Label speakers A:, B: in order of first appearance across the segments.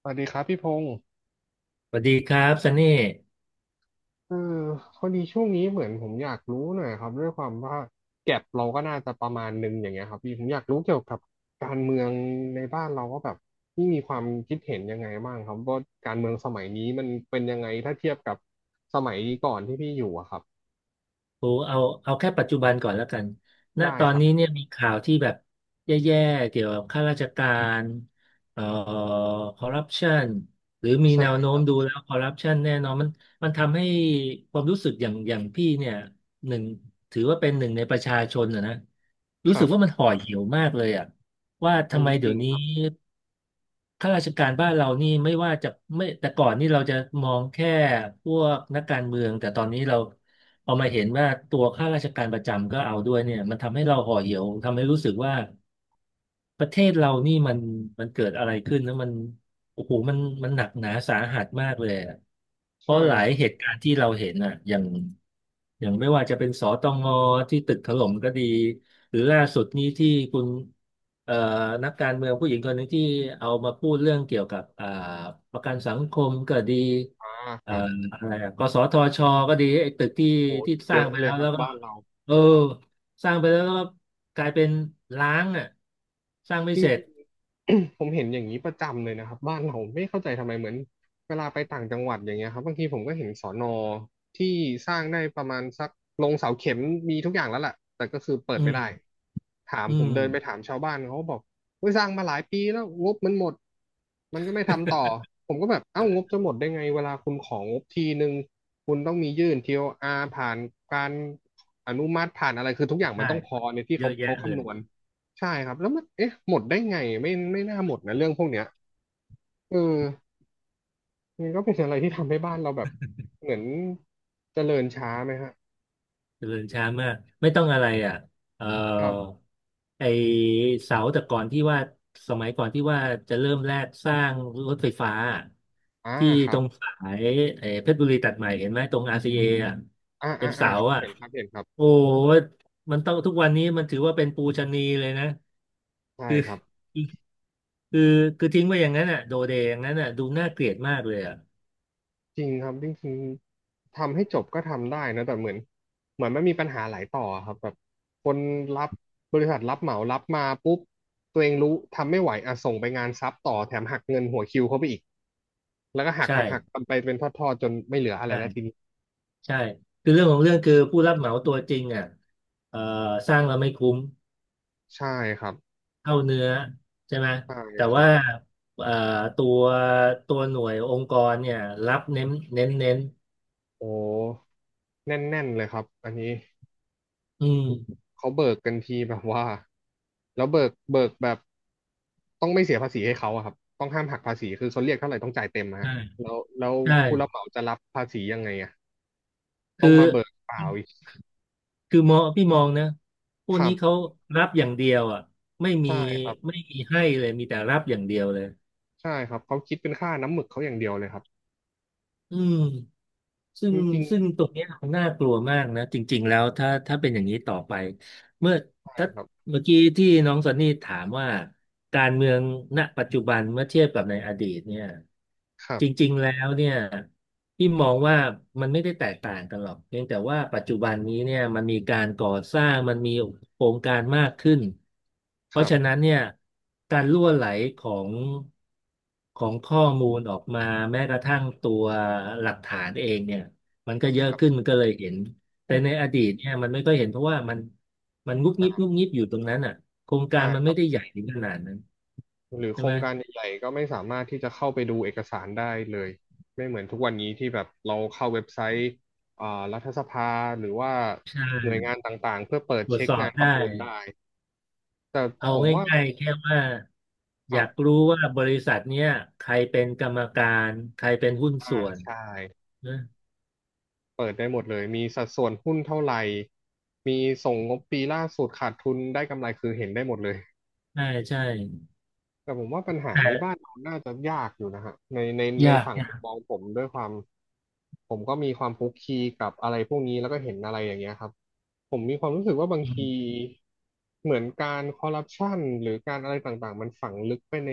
A: สวัสดีครับพี่พงศ์
B: สวัสดีครับซันนี่
A: เออพอดีช่วงนี้เหมือนผมอยากรู้หน่อยครับด้วยความว่าแก็บเราก็น่าจะประมาณหนึงอย่างเงี้ยครับพี่ผมอยากรู้เกี่ยวกับการเมืองในบ้านเราก็แบบพี่มีความคิดเห็นยังไงบ้างครับว่าการเมืองสมัยนี้มันเป็นยังไงถ้าเทียบกับสมัยก่อนที่พี่อยู่อะครับ
B: โอ้เอาเอาแค่ปัจจุบันก่อนแล้วกันณ
A: ได้
B: ตอ
A: ค
B: น
A: รับ
B: นี้เนี่ยมีข่าวที่แบบแย่ๆเกี่ยวกับข้าราชการเอ่อคอร์รัปชันหรือมี
A: ใช่
B: แนวโน้
A: ค
B: ม
A: รับ
B: ดูแล้วคอร์รัปชันแน่นอนมันทำให้ความรู้สึกอย่างพี่เนี่ยหนึ่งถือว่าเป็นหนึ่งในประชาชนอะนะ
A: ค
B: รู้
A: รั
B: สึกว่า
A: บ
B: มันห่อเหี่ยวมากเลยอ่ะว่า
A: อัน
B: ทำไม
A: นี้จ
B: เดี๋
A: ริ
B: ย
A: ง
B: ว
A: ค
B: นี้
A: รับ
B: ข้าราชการบ้านเรานี่ไม่ว่าจะไม่แต่ก่อนนี่เราจะมองแค่พวกนักการเมืองแต่ตอนนี้เรา พอมาเห็นว่าตัวข้าราชการประจำก็เอาด้วยเนี่ยมันทำให้เราห่อเหี่ยวทำให้รู้สึกว่า ประเทศเรานี่มันเกิดอะไรขึ้นนะมันโอ้โหมันหนักหนาสาหัสมากเลยอะเพ
A: ใช่
B: ราะหลา
A: ค
B: ย
A: รั
B: เห
A: บ
B: ตุการณ์ที่เราเห็นอ่ะอย่างไม่ว่าจะเป็นสตงที่ตึกถล่มก็ดีหรือล่าสุดนี้ที่คุณเอ่อนักการเมืองผู้หญิงคนหนึ่งที่เอามาพูดเรื่องเกี่ยวกับประกันสังคมก็ดี
A: อ่าค
B: เอ่อ
A: รับ
B: อะไรอะกสทชก็ดีไอ้ตึกที่
A: โห
B: ส
A: เย
B: ร้าง
A: อะ
B: ไป
A: เล
B: แล้
A: ย
B: ว
A: ครั
B: แล้
A: บ
B: วก็
A: บ้านเรา
B: เออ สร้างไปแล้วก็กลายเป็นล้างอ่ะสร้างไม่เสร็จ
A: ผมเห็นอย่างนี้ประจำเลยนะครับบ้านเราไม่เข้าใจทำไมเหมือนเวลาไปต่างจังหวัดอย่างเงี้ยครับบางทีผมก็เห็นสอนอที่สร้างได้ประมาณสักลงเสาเข็มมีทุกอย่างแล้วแหละแต่ก็คือเปิด
B: อื
A: ไม่
B: ม
A: ได้ถาม
B: อื
A: ผม
B: ม
A: เดินไปถามชาวบ้านเขาบอกว่าสร้างมาหลายปีแล้วงบมันหมดมันก็ไม่ทำต่อผมก็แบบเอ้างบจะหมดได้ไงเวลาคุณของงบทีนึงคุณต้องมียื่นทีโออาร์ผ่านการอนุมัติผ่านอะไรคือทุกอย่างมั
B: ใช่
A: นต้องพอในที่
B: เย
A: เขา
B: อะ
A: เขา
B: แยะเล
A: คำน
B: ย
A: วณ ใช่ครับแล้วมันเอ๊ะหมดได้ไงไม่น่าหมดนะเรื่องพวกเนี้ยเออมันก็เป็นอะไรที่ทำให้บ้านเราแบบเหมือนเจริญช้าไหมฮะ
B: เจริญช้ามากไม่ต้องอะไรอ่ะเอ่อ
A: ครัรับ
B: ไอเสาแต่ก่อนที่ว่าสมัยก่อนที่ว่าจะเริ่มแรกสร้างรถไฟฟ้า
A: อ่า
B: ที่
A: ครั
B: ตร
A: บ
B: งสายไอเพชรบุรีตัดใหม่เห็นไหมตรง RCA ออ่ะ
A: อ่า
B: เป็
A: อ่า
B: น
A: อ่า
B: เสา
A: ครับ
B: อ่ะ
A: เห็นครับเห็นครับ
B: โอ้ยมันต้องทุกวันนี้มันถือว่าเป็นปูชนียเลยนะ
A: ใช่
B: คือ
A: ครับ
B: คือ คือทิ้งไว้อย่างนั้นอ่ะโดเดอย่างนั้นอ่ะดูน่าเกลียดมากเลยอ่ะ
A: จริงครับจริงๆทำให้จบก็ทำได้นะแต่เหมือนเหมือนมันมีปัญหาหลายต่อครับแบบคนรับบริษัทรับเหมารับมาปุ๊บตัวเองรู้ทำไม่ไหวอ่ะส่งไปงานซับต่อแถมหักเงินหัวคิวเข้าไปอีกแล้วก็หั
B: ใ
A: กหักหัก
B: ช่
A: นไปเป็นทอดๆจนไม่เหลืออะไรแล้วที
B: ใช่
A: นี้
B: ใช่คือเรื่องของเรื่องคือผู้รับเหมาตัวจริงอ่ะเอ่อสร้างเราไม่คุ้ม
A: ใช่ครับ
B: เท่าเนื้อใช่ไหม
A: ใช่
B: แต่
A: ครั
B: ว่า
A: บ
B: เอ่อตัวตัวหน่วยองค์กรเนี่ยรับเน้น
A: โอ้แน่นๆเลยครับอันนี้
B: อืม
A: เขาเบิกกันทีแบบว่าแล้วเบิกแบบต้องไม่เสียภาษีให้เขาอะครับต้องห้ามหักภาษีคือเขาเรียกเท่าไหร่ต้องจ่ายเต็มอะฮะ
B: ใช่
A: แล้ว
B: ใช่
A: ผู้รับเหมาจะรับภาษียังไงอะต้
B: คื
A: อ
B: อ
A: งมาเบิกเปล่าอีก
B: คือมองพี่มองนะพว
A: ค
B: ก
A: รั
B: นี้เขา
A: บ
B: รับอย่างเดียวอ่ะไม่มี
A: ใช่ครับ
B: ไม่มีให้เลย มีแต่รับอย่างเดียวเลย
A: ใช่ครับเขาคิดเป็นค่าน้ำหมึกเขาอย่างเดียวเลยครับ
B: อืม ซึ่
A: จ
B: ง
A: ริง
B: ซึ่งตรงเนี้ยน่ากลัวมากนะจริงๆแล้วถ้าเป็นอย่างนี้ต่อไปเมื่อ
A: ๆใช่
B: ถ้า
A: ครับ
B: เมื่อกี้ที่น้องซันนี่ถามว่าการเมืองณปัจจุบันเมื่อเทียบกับในอดีตเนี่ย
A: ครั
B: จ
A: บ
B: ริงๆแล้วเนี่ย ที่มองว่ามันไม่ได้แตกต่างกันหรอกเพียงแต่ว่าปัจจุบันนี้เนี่ยมันมีการก่อสร้างมันมีโครงการมากขึ้นเพ
A: ค
B: ราะ
A: รั
B: ฉะ
A: บ
B: นั้นเนี่ยการรั่วไหลของของข้อมูลออกมาแม้กระทั่งตัวหลักฐานเองเนี่ยมันก็เย
A: ค
B: อะ
A: รับ
B: ขึ้นมันก็เลยเห็นแต่ในอ ดีตเนี่ยมันไม่ค่อยเห็นเพราะว่ามันมันงุบงิ
A: อ่า
B: บงุบงิบอยู่ตรงนั้นอ่ะโครงกา
A: ใช่
B: รมัน
A: ครั
B: ไม่
A: บ
B: ได้ใหญ่ถึงขนาดนั้น
A: หรือ
B: ใช่
A: โคร
B: ไหม
A: งการใหญ่ๆก็ไม่สามารถที่จะเข้าไปดูเอกสารได้เลยไม่เหมือนทุกวันนี้ที่แบบเราเข้าเว็บไซต์อ่ารัฐสภาหรือว่า
B: ใช
A: หน่วยงาน
B: ่
A: ต่างๆเพื่อเปิด
B: ตรวจ
A: เช็ค
B: สอบ
A: งานประ
B: ได้
A: มูลได้แต่
B: เอา
A: ผมว่า
B: ง่ายๆแค่ว่า
A: ค
B: อ
A: รั
B: ยาก
A: บ
B: รู้ว่าบริษัทเนี้ยใครเป็นกรรมการใครเป็นหุ้นส่วน
A: ใช่
B: นะ
A: เปิดได้หมดเลยมีสัดส่วนหุ้นเท่าไหร่มีส่งงบปีล่าสุดขาดทุนได้กำไรคือเห็นได้หมดเลย
B: ใช่ใช่
A: แต่ผมว่าปัญหานี้บ้าน
B: แต่
A: เราน่าจะยากอยู่นะฮะใน
B: ยาก
A: ฝั่ง
B: ยา
A: มุม
B: ก
A: มองผมด้วยความผมก็มีความคลุกคลีกับอะไรพวกนี้แล้วก็เห็นอะไรอย่างเงี้ยครับผมมีความรู้สึกว่าบาง
B: อื
A: ที
B: ม
A: เหมือนการคอร์รัปชันหรือการอะไรต่างๆมันฝังลึกไปใน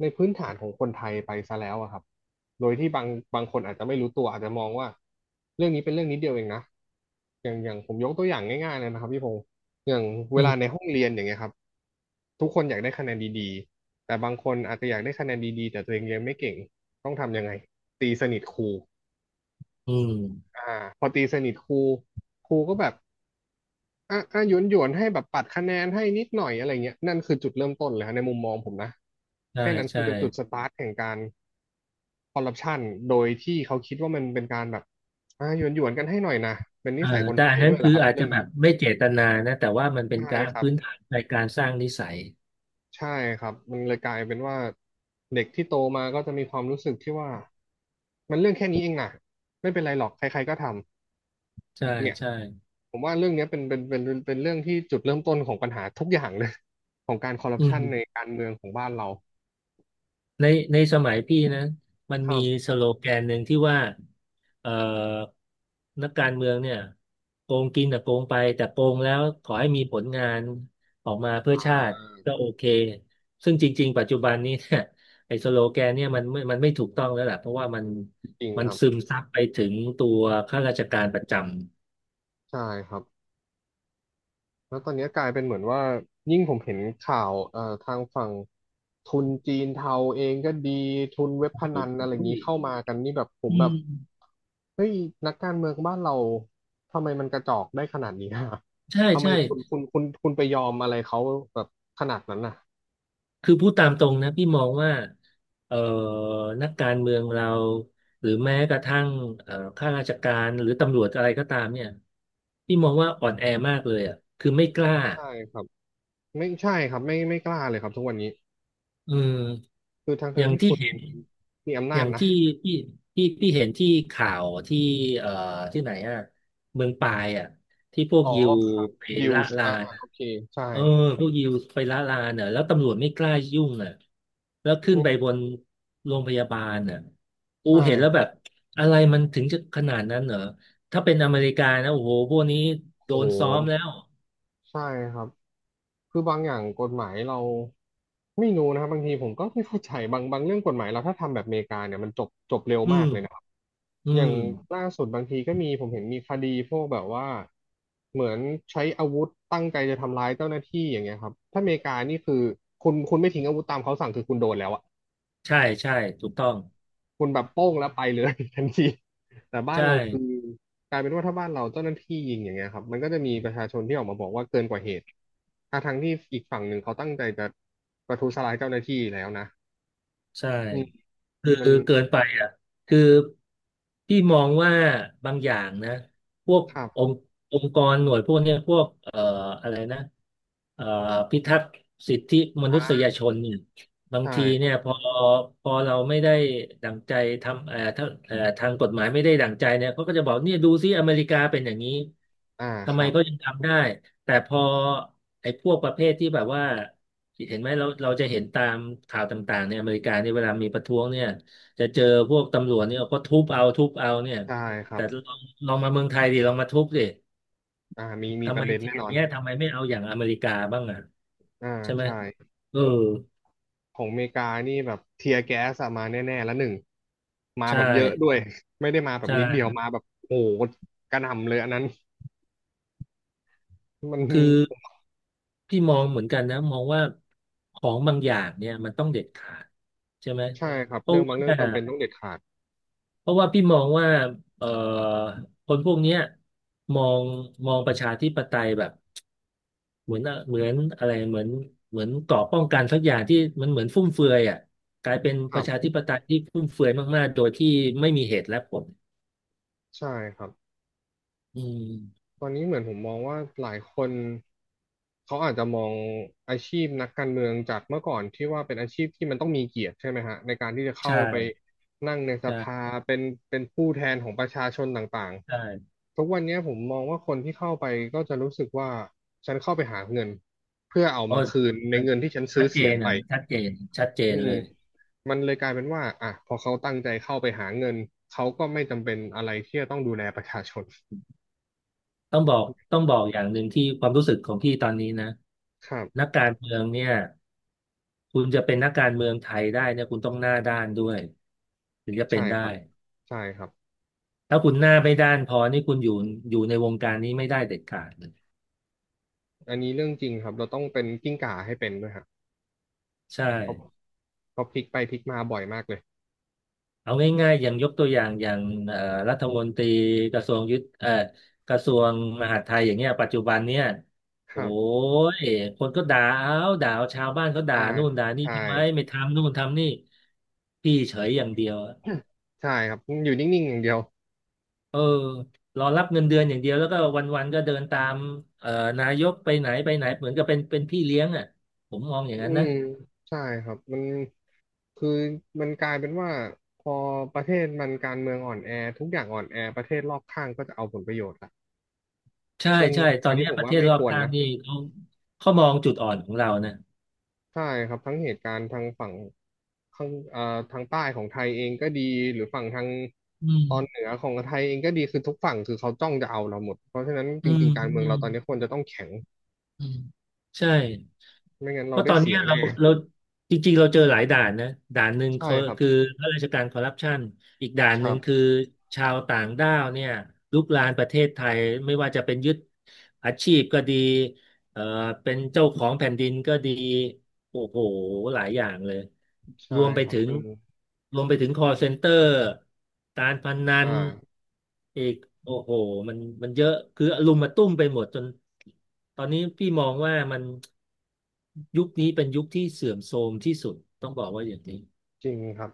A: พื้นฐานของคนไทยไปซะแล้วอะครับโดยที่บางคนอาจจะไม่รู้ตัวอาจจะมองว่าเรื่องนี้เป็นเรื่องนิดเดียวเองนะอย่างผมยกตัวอย่างง่ายๆเลยนะครับพี่พงศ์ อย่างเว
B: อื
A: ลาใน
B: ม
A: ห้องเรียนอย่างเงี้ยครับทุกคนอยากได้คะแนนดีๆแต่บางคนอาจจะอยากได้คะแนนดีๆแต่ตัวเองเรียนไม่เก่งต้องทำยังไงตีสนิทครู
B: อืม
A: อ่าพอตีสนิทครูครูก็แบบอ่ะอ่ะหยวนหยวนให้แบบปัดคะแนนให้นิดหน่อยอะไรเงี้ยนั่นคือจุดเริ่มต้นเลยฮะในมุมมองผมนะ
B: ใช่
A: แค่นั้นคือ
B: ใช่
A: เป็นจุดสตาร์ทแห่งการคอร์รัปชันโดยที่เขาคิดว่ามันเป็นการแบบอ่ะหยวนหยวนกันให้หน่อยนะเป็น
B: เอ
A: นิ
B: อ
A: สัยคน
B: แต่
A: ไท
B: อั
A: ย
B: นนั้
A: ด้ว
B: น
A: ยแห
B: คื
A: ละ
B: อ
A: ครับ
B: อาจ
A: เรื่อ
B: จะ
A: ง
B: แบ
A: นี้
B: บไม่เจตนานะแต่ว่ามันเป็น
A: ใช่
B: การ
A: ครั
B: พื้น
A: บ
B: ฐานในการสร้างนิสัย
A: ใช่ครับมันเลยกลายเป็นว่าเด็กที่โตมาก็จะมีความรู้สึกที่ว่ามันเรื่องแค่นี้เองนะไม่เป็นไรหรอกใครๆก็ทำ
B: ใช่
A: เนี่ย
B: ใช่
A: ผมว่าเรื่องเนี้ยเป็นเรื่องที่จุดเริ่มต้นของปัญหาทุกอย่างเลย ของการคอร์รัป
B: อื
A: ชันใน
B: ม
A: การเมืองของบ้านเรา
B: ในในสมัยพี่นะมัน
A: ครั
B: มี
A: บ
B: สโลแกนหนึ่งที่ว่าเอ่อนักการเมืองเนี่ยโกงกินแต่โกงไปแต่โกงแล้วขอให้มีผลงานออกมาเพื่อชา
A: อ่า
B: ติก็โอเคซึ่งจริงๆปัจจุบันนี้เนี่ยไอ้สโลแกนเนี่ยมันไม่ถูกต้องแล้วแหละเพราะว่ามัน
A: จริง
B: มั
A: ค
B: น
A: รับ
B: ซึมซับไปถึงตัวข้าราชการประจำ
A: ใช่ครับ แล้วตอนนี้กลายเป็นเหมือนว่ายิ่งผมเห็นข่าวทางฝั่งทุนจีนเทาเองก็ดีทุนเว็บพนันอะไรอย่างนี้เข้ามากันนี่แบบผม
B: อื
A: แบบ
B: ม
A: เฮ้ยนักการเมืองบ้านเราทำไมมันกระจอกได้ขนาดนี้อะ
B: ใช่
A: ทำไม
B: ใช่
A: คุณไปยอมอะไรเขาแบบขนาดนั้นน่ะ
B: คือพูดตามตรงนะพี่มองว่าเอ่อนักการเมืองเราหรือแม้กระทั่งข้าราชการหรือตำรวจอะไรก็ตามเนี่ยพี่มองว่าอ่อนแอมากเลยอ่ะคือไม่กล้า
A: ใช่ครับไม่ใช่ครับไม่กล้าเลยครับทุกวันนี้
B: อืม
A: คือทั้ง
B: อ
A: ทั้
B: ย่า
A: ง
B: ง
A: ที่
B: ที่
A: คุณ
B: เห็น
A: มีอำ
B: อ
A: นา
B: ย่า
A: จ
B: ง
A: นะ
B: ที่ที่เห็นที่ข่าวที่เอ่อที่ไหนอ่ะเมืองปายอ่ะที่พวก
A: อ๋อ
B: ยิวไป
A: ยิว
B: ละ
A: ส์
B: ลาน
A: โอเคใช่
B: เออพวกยิวไปละลานเน่ะแล้วตำรวจไม่กล้ายุ่งอ่ะแล้วขึ้
A: อื
B: นไปบ
A: ม
B: นโรงพยาบาลอ่ะอู
A: ใช่
B: เห็นแล้ว
A: ค
B: แบ
A: รั
B: บ
A: บ
B: อะไรมันถึงจะขนาดนั้นเหรอถ้าเป็นอเมริกานะโอ้โหพวกนี้โด
A: โอ้โห
B: นซ้อมแล้ว
A: ใช่ครับ คือบางอย่างกฎหมายเราไม่รู้นะครับบางทีผมก็ไม่เข้าใจบางเรื่องกฎหมายเราถ้าทำแบบอเมริกาเนี่ยมันจบเร็ว
B: อื
A: มาก
B: ม
A: เลยนะครับ
B: อื
A: อย่า
B: ม
A: งล่าสุดบางทีก็มีผมเห็นมีคดีพวกแบบว่าเหมือนใช้อาวุธตั้งใจจะทำร้ายเจ้าหน้าที่อย่างเงี้ยครับถ้าอเมริกานี่คือคุณไม่ทิ้งอาวุธตามเขาสั่งคือคุณโดนแล้วอะ
B: ใช่ใช่ถูกต้อง
A: คุณแบบโป้งแล้วไปเลย ทันทีแต่บ้าน
B: ใช่
A: เราคือกลายเป็นว่าถ้าบ้านเราเจ้าหน้าที่ยิงอย่างเงี้ยครับมันก็จะมีประชาชนที่ออกมาบอกว่าเกินกว่าเหตุทั้งที่อีกฝั่งหนึ่งเขาตั้งใจจะประทุษร้ายเจ้าหน้าที่แล้วนะ
B: ใช่
A: อืม
B: คือ
A: มัน
B: เกินไปอ่ะคือพี่มองว่าบางอย่างนะพวก
A: ครับ
B: องค์องค์กรหน่วยพวกเนี้ยพวกอะไรนะเอ่อพิทักษ์สิทธิมนุ
A: อ่
B: ษย
A: า
B: ชนเนี่ยบาง
A: ใช่
B: ที
A: ครั
B: เนี่ยพ
A: บ
B: อพอเราไม่ได้ดั่งใจทำเอ่อถ้าเอ่อทางกฎหมายไม่ได้ดั่งใจเนี่ยเขาก็จะบอกเนี่ยดูซิอเมริกาเป็นอย่างนี้
A: อ่าค
B: ทำไม
A: รับ
B: เขายังทำได้ แต่พอไอ้พวกประเภทที่แบบว่าเห็นไหมเราจะเห็นตามข่าวต่างๆในอเมริกาเนี่ยเวลามีประท้วงเนี่ยจะเจอพวกตำรวจเนี่ยก็ทุบเอาทุบเอาเนี่ย
A: ใช่ครั
B: แต่
A: บ
B: ลองลองมาเมืองไทยดิลองมาทุบดิ
A: อ่ามี
B: ทำ
A: ป
B: ไม
A: ระเด็น
B: ที่
A: แน่
B: อ
A: น
B: ย่าง
A: อน
B: เงี้ยทำไมไม่เอาอย่างอเมริกาบ้างอ่ะ
A: อ่า
B: ใช่ไหม
A: ใช่
B: เออ
A: ของอเมริกานี่แบบเทียร์แก๊สอะมาแน่ๆแล้วหนึ่งมา
B: ใช่
A: แบบเยอะด้วย ไม่ได้มาแบบ
B: ใช่
A: นิดเดียวมาแบบโอ้โหกระหน่ำเลยอันนั้นมัน
B: คือพี่มองเหมือนกันนะมองว่าของบางอย่างเนี่ยมันต้องเด็ดขาดใช่ไหม
A: ใช่ครับ
B: เพ
A: เรื่
B: ราะ
A: องบาง
B: ว่า
A: เรื่องจำเป็นต้องเด็ดขาด
B: พี่มองว่าเอ่อคนพวกเนี้ยมองมองประชาธิปไตยแบบเหมือนเหมือนอะไรเหมือนเหมือนเกราะป้องกันสักอย่างที่มันเหมือนฟุ่มเฟือยอ่ะกลายเป็น
A: ค
B: ป
A: รั
B: ระชา
A: บ
B: ธิปไตยที่ฟุ่มเฟือยมากๆโดยที่ไม่มีเหตุและผล
A: ใช่ครับ
B: อืม
A: ตอนนี้เหมือนผมมองว่าหลายคนเขาอาจจะมองอาชีพนักการเมืองจากเมื่อก่อนที่ว่าเป็นอาชีพที่มันต้องมีเกียรติใช่ไหมฮะในการที่จะเข้า
B: ใช่
A: ไปนั่งในสภา
B: ใช่
A: เป็นเป็นผู้แทนของประชาชนต่าง
B: ใช่
A: ๆทุกวันเนี้ยผมมองว่าคนที่เข้าไปก็จะรู้สึกว่าฉันเข้าไปหาเงินเพื่อเอา
B: เพราะ
A: มาคืนใน
B: มัน
A: เงินที่ฉันซื้
B: ชั
A: อ
B: ดเจ
A: เสียง
B: น
A: ไป
B: อ่ะชัดเจนชัดเจ
A: อื
B: น
A: ม
B: เลย
A: มันเลยกลายเป็นว่าอ่ะพอเขาตั้งใจเข้าไปหาเงินเขาก็ไม่จำเป็นอะไรที่จะต้องดูแลประชาชน
B: ต้องบอกอย่างหนึ่งที่ความรู้สึกของพี่ตอนนี้นะ
A: ครับ
B: นักการเมืองเนี่ย คุณจะเป็นนักการเมืองไทยได้เนี่ยคุณต้องหน้าด้านด้วยถึงจะเป็
A: ใช่
B: นได้
A: ครับใช่ครับ
B: ถ้าคุณหน้าไม่ด้านพอนี่คุณอยู่อยู่ในวงการนี้ไม่ได้เด็ดขาดเลย
A: อันนี้เรื่องจริงครับเราต้องเป็นกิ้งก่าให้เป็นด้วยฮะ
B: ใช่
A: เพราะเพราะพลิกไปพลิกมาบ่อยมากเลย
B: เอาง่ายๆอย่างยกตัวอย่างอย่างเอ่อรัฐมนตรีกระทรวงยุทธกระทรวงมหาดไทยอย่างเงี้ยปัจจุบันเนี่ย
A: ค
B: โอ้
A: รับ
B: ยคนก็ด่าเอาด่าเอาชาวบ้านเขาด่า
A: อ่า
B: นู่นด่านี่
A: ใช่
B: ทำไมไม่ทำนู่นทำนี่พี่เฉยอย่างเดียว
A: ใช่ครับอยู่นิ่งๆอย่างเดียว
B: เออรอรับเงินเดือนอย่างเดียวแล้วก็วันๆก็เดินตามเอ่อนายกไปไหนไปไหนเหมือนกับเป็นพี่เลี้ยงอ่ะผมมองอย่าง
A: อื
B: นั้นนะ
A: มใช่ครับมันคือมันกลายเป็นว่าพอประเทศมันการเมืองอ่อนแอทุกอย่างอ่อนแอประเทศรอบข้างก็จะเอาผลประโยชน์ละ
B: ใช่
A: ซึ่ง
B: ใช่ตอ
A: อัน
B: น
A: นี้
B: เนี้ย
A: ผม
B: ประเท
A: ว่า
B: ศ
A: ไม่
B: รอ
A: ค
B: บ
A: วร
B: ข้าง
A: นะ
B: นี่เขาเขามองจุดอ่อนของเรานะ
A: ใช่ครับทั้งเหตุการณ์ทางฝั่งข้างทางใต้ของไทยเองก็ดีหรือฝั่งทาง
B: อื
A: ตอนเห
B: ม
A: นือของไทยเองก็ดีคือทุกฝั่งคือเขาจ้องจะเอาเราหมดเพราะฉะนั้นจ
B: อื
A: ริ
B: ม
A: งๆการเมือง
B: อื
A: เรา
B: ม
A: ตอนนี้ควรจะต้องแข็ง
B: อืมใช่
A: ไม่งั้น
B: เพ
A: เรา
B: ราะต
A: ได้
B: อน
A: เสี
B: เนี้
A: ย
B: ยเรา
A: แน่
B: เราจริงๆเราเจอหลายด่านนะด่านหนึ่ง
A: ใช่
B: คือ
A: ครับ
B: คือข้าราชการคอร์รัปชันอีกด่าน
A: ค
B: ห
A: รั
B: นึ่งคือ
A: บ
B: ชาวต่างด้าวเนี่ยลุกลานประเทศไทยไม่ว่าจะเป็นยึดอาชีพก็ดี เอ่อเป็นเจ้าของแผ่นดินก็ดีโอ้โหหลายอย่างเลย
A: ใช่
B: รวมไป
A: ครับ
B: ถึง
A: มัน
B: คอ l เซนเตอร์การพนั
A: อ่า
B: นอีกโอ้โหมันเยอะคืออลุมมาตุ้มไปหมดจนตอนนี้พี่มองว่ามันยุคนี้เป็นยุคที่เสื่อมโทรมที่สุดต้องบอกว่าอย่างนี้
A: จริงครับ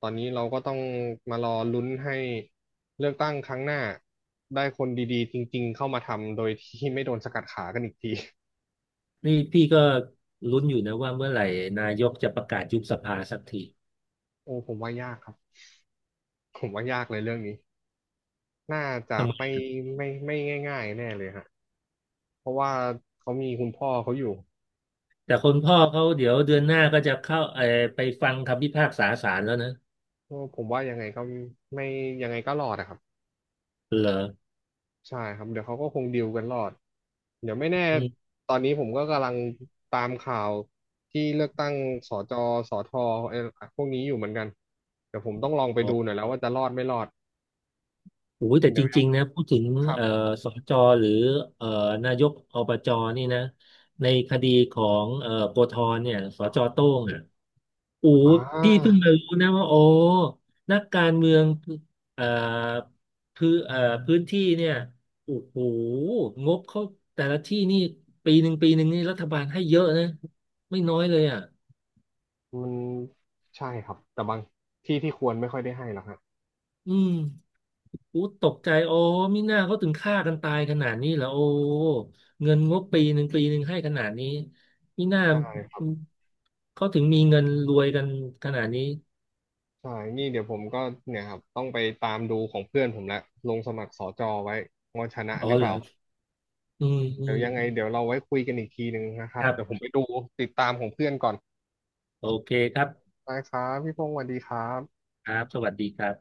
A: ตอนนี้เราก็ต้องมารอลุ้นให้เลือกตั้งครั้งหน้าได้คนดีๆจริงๆเข้ามาทำโดยที่ไม่โดนสกัดขากันอีกที
B: นี่พี่ก็ลุ้นอยู่นะว่าเมื่อไหร่นายกจะประกาศยุบสภาสักที
A: โอ้ผมว่ายากครับผมว่ายากเลยเรื่องนี้ น่าจะ
B: ทำไม
A: ไม่ง่ายๆแน่เลยฮะเพราะว่าเขามีคุณพ่อเขาอยู่
B: แต่คนพ่อเขาเดี๋ยวเดือนหน้าก็จะเข้าเออไปฟังคำพิพากษาศาลแล้วนะ
A: ก็ผมว่ายังไงก็ไม่ยังไงก็รอดอะครับ
B: เหรอ
A: ใช่ครับเดี๋ยวเขาก็คงดีลกันรอดเดี๋ยวไม่แน่
B: อืม
A: ตอนนี้ผมก็กำลังตามข่าวที่เลือกตั้งสจสทเอ่อพวกนี้อยู่เหมือนกันเดี๋ยวผมต้องลองไป
B: อ๋อ
A: ดูหน่อยแล้วว่าจะรอดไม่รอด
B: โอ้ยแต่
A: เดี๋
B: จ
A: ยว
B: ริงๆนะพูดถึง
A: ครับ
B: เอ่อสจหรือเอ่อนายกอบจนี่นะในคดีของโกธรเนี่ยสจโต้งอ่ะโอ้
A: อ่
B: ยพี่เพิ่
A: า
B: งมารู้นะว่าโอ้นักการเมืองเอ่อพื้นพื้นที่เนี่ยโอ้โหงบเขาแต่ละที่นี่ปีหนึ่งปีหนึ่งนี่รัฐบาลให้เยอะนะไม่น้อยเลยอ่ะ
A: มันใช่ครับแต่บางที่ที่ควรไม่ค่อยได้ให้หรอกฮะ
B: อืมอู้ตกใจโอ้มิน่าเขาถึงฆ่ากันตายขนาดนี้เหรอโอ้เงินงบปีหนึ่งปีหนึ่งให้ขนาดนี้มิน่า
A: ใช่
B: เขาถึงมีเงินรวยกันขนาดนี้
A: ใช่นี่เดี๋ยวผมก็เนี่ยครับต้องไปตามดูของเพื่อนผมละลงสมัครสจไว้ว่าชนะ
B: อ๋อ
A: หรือเป
B: เหร
A: ล่า
B: ออืมอื
A: เดี๋ยว
B: ม
A: ยังไงเดี๋ยวเราไว้คุยกันอีกทีหนึ่งนะครั
B: ค
A: บ
B: รั
A: เดี๋ยวผม
B: บ
A: ไปดูติดตามของเพื่อนก่อน
B: โอเคครับ
A: ได้ครับพี่พงศ์สวัสดีครับ
B: ครับสวัสดีครับ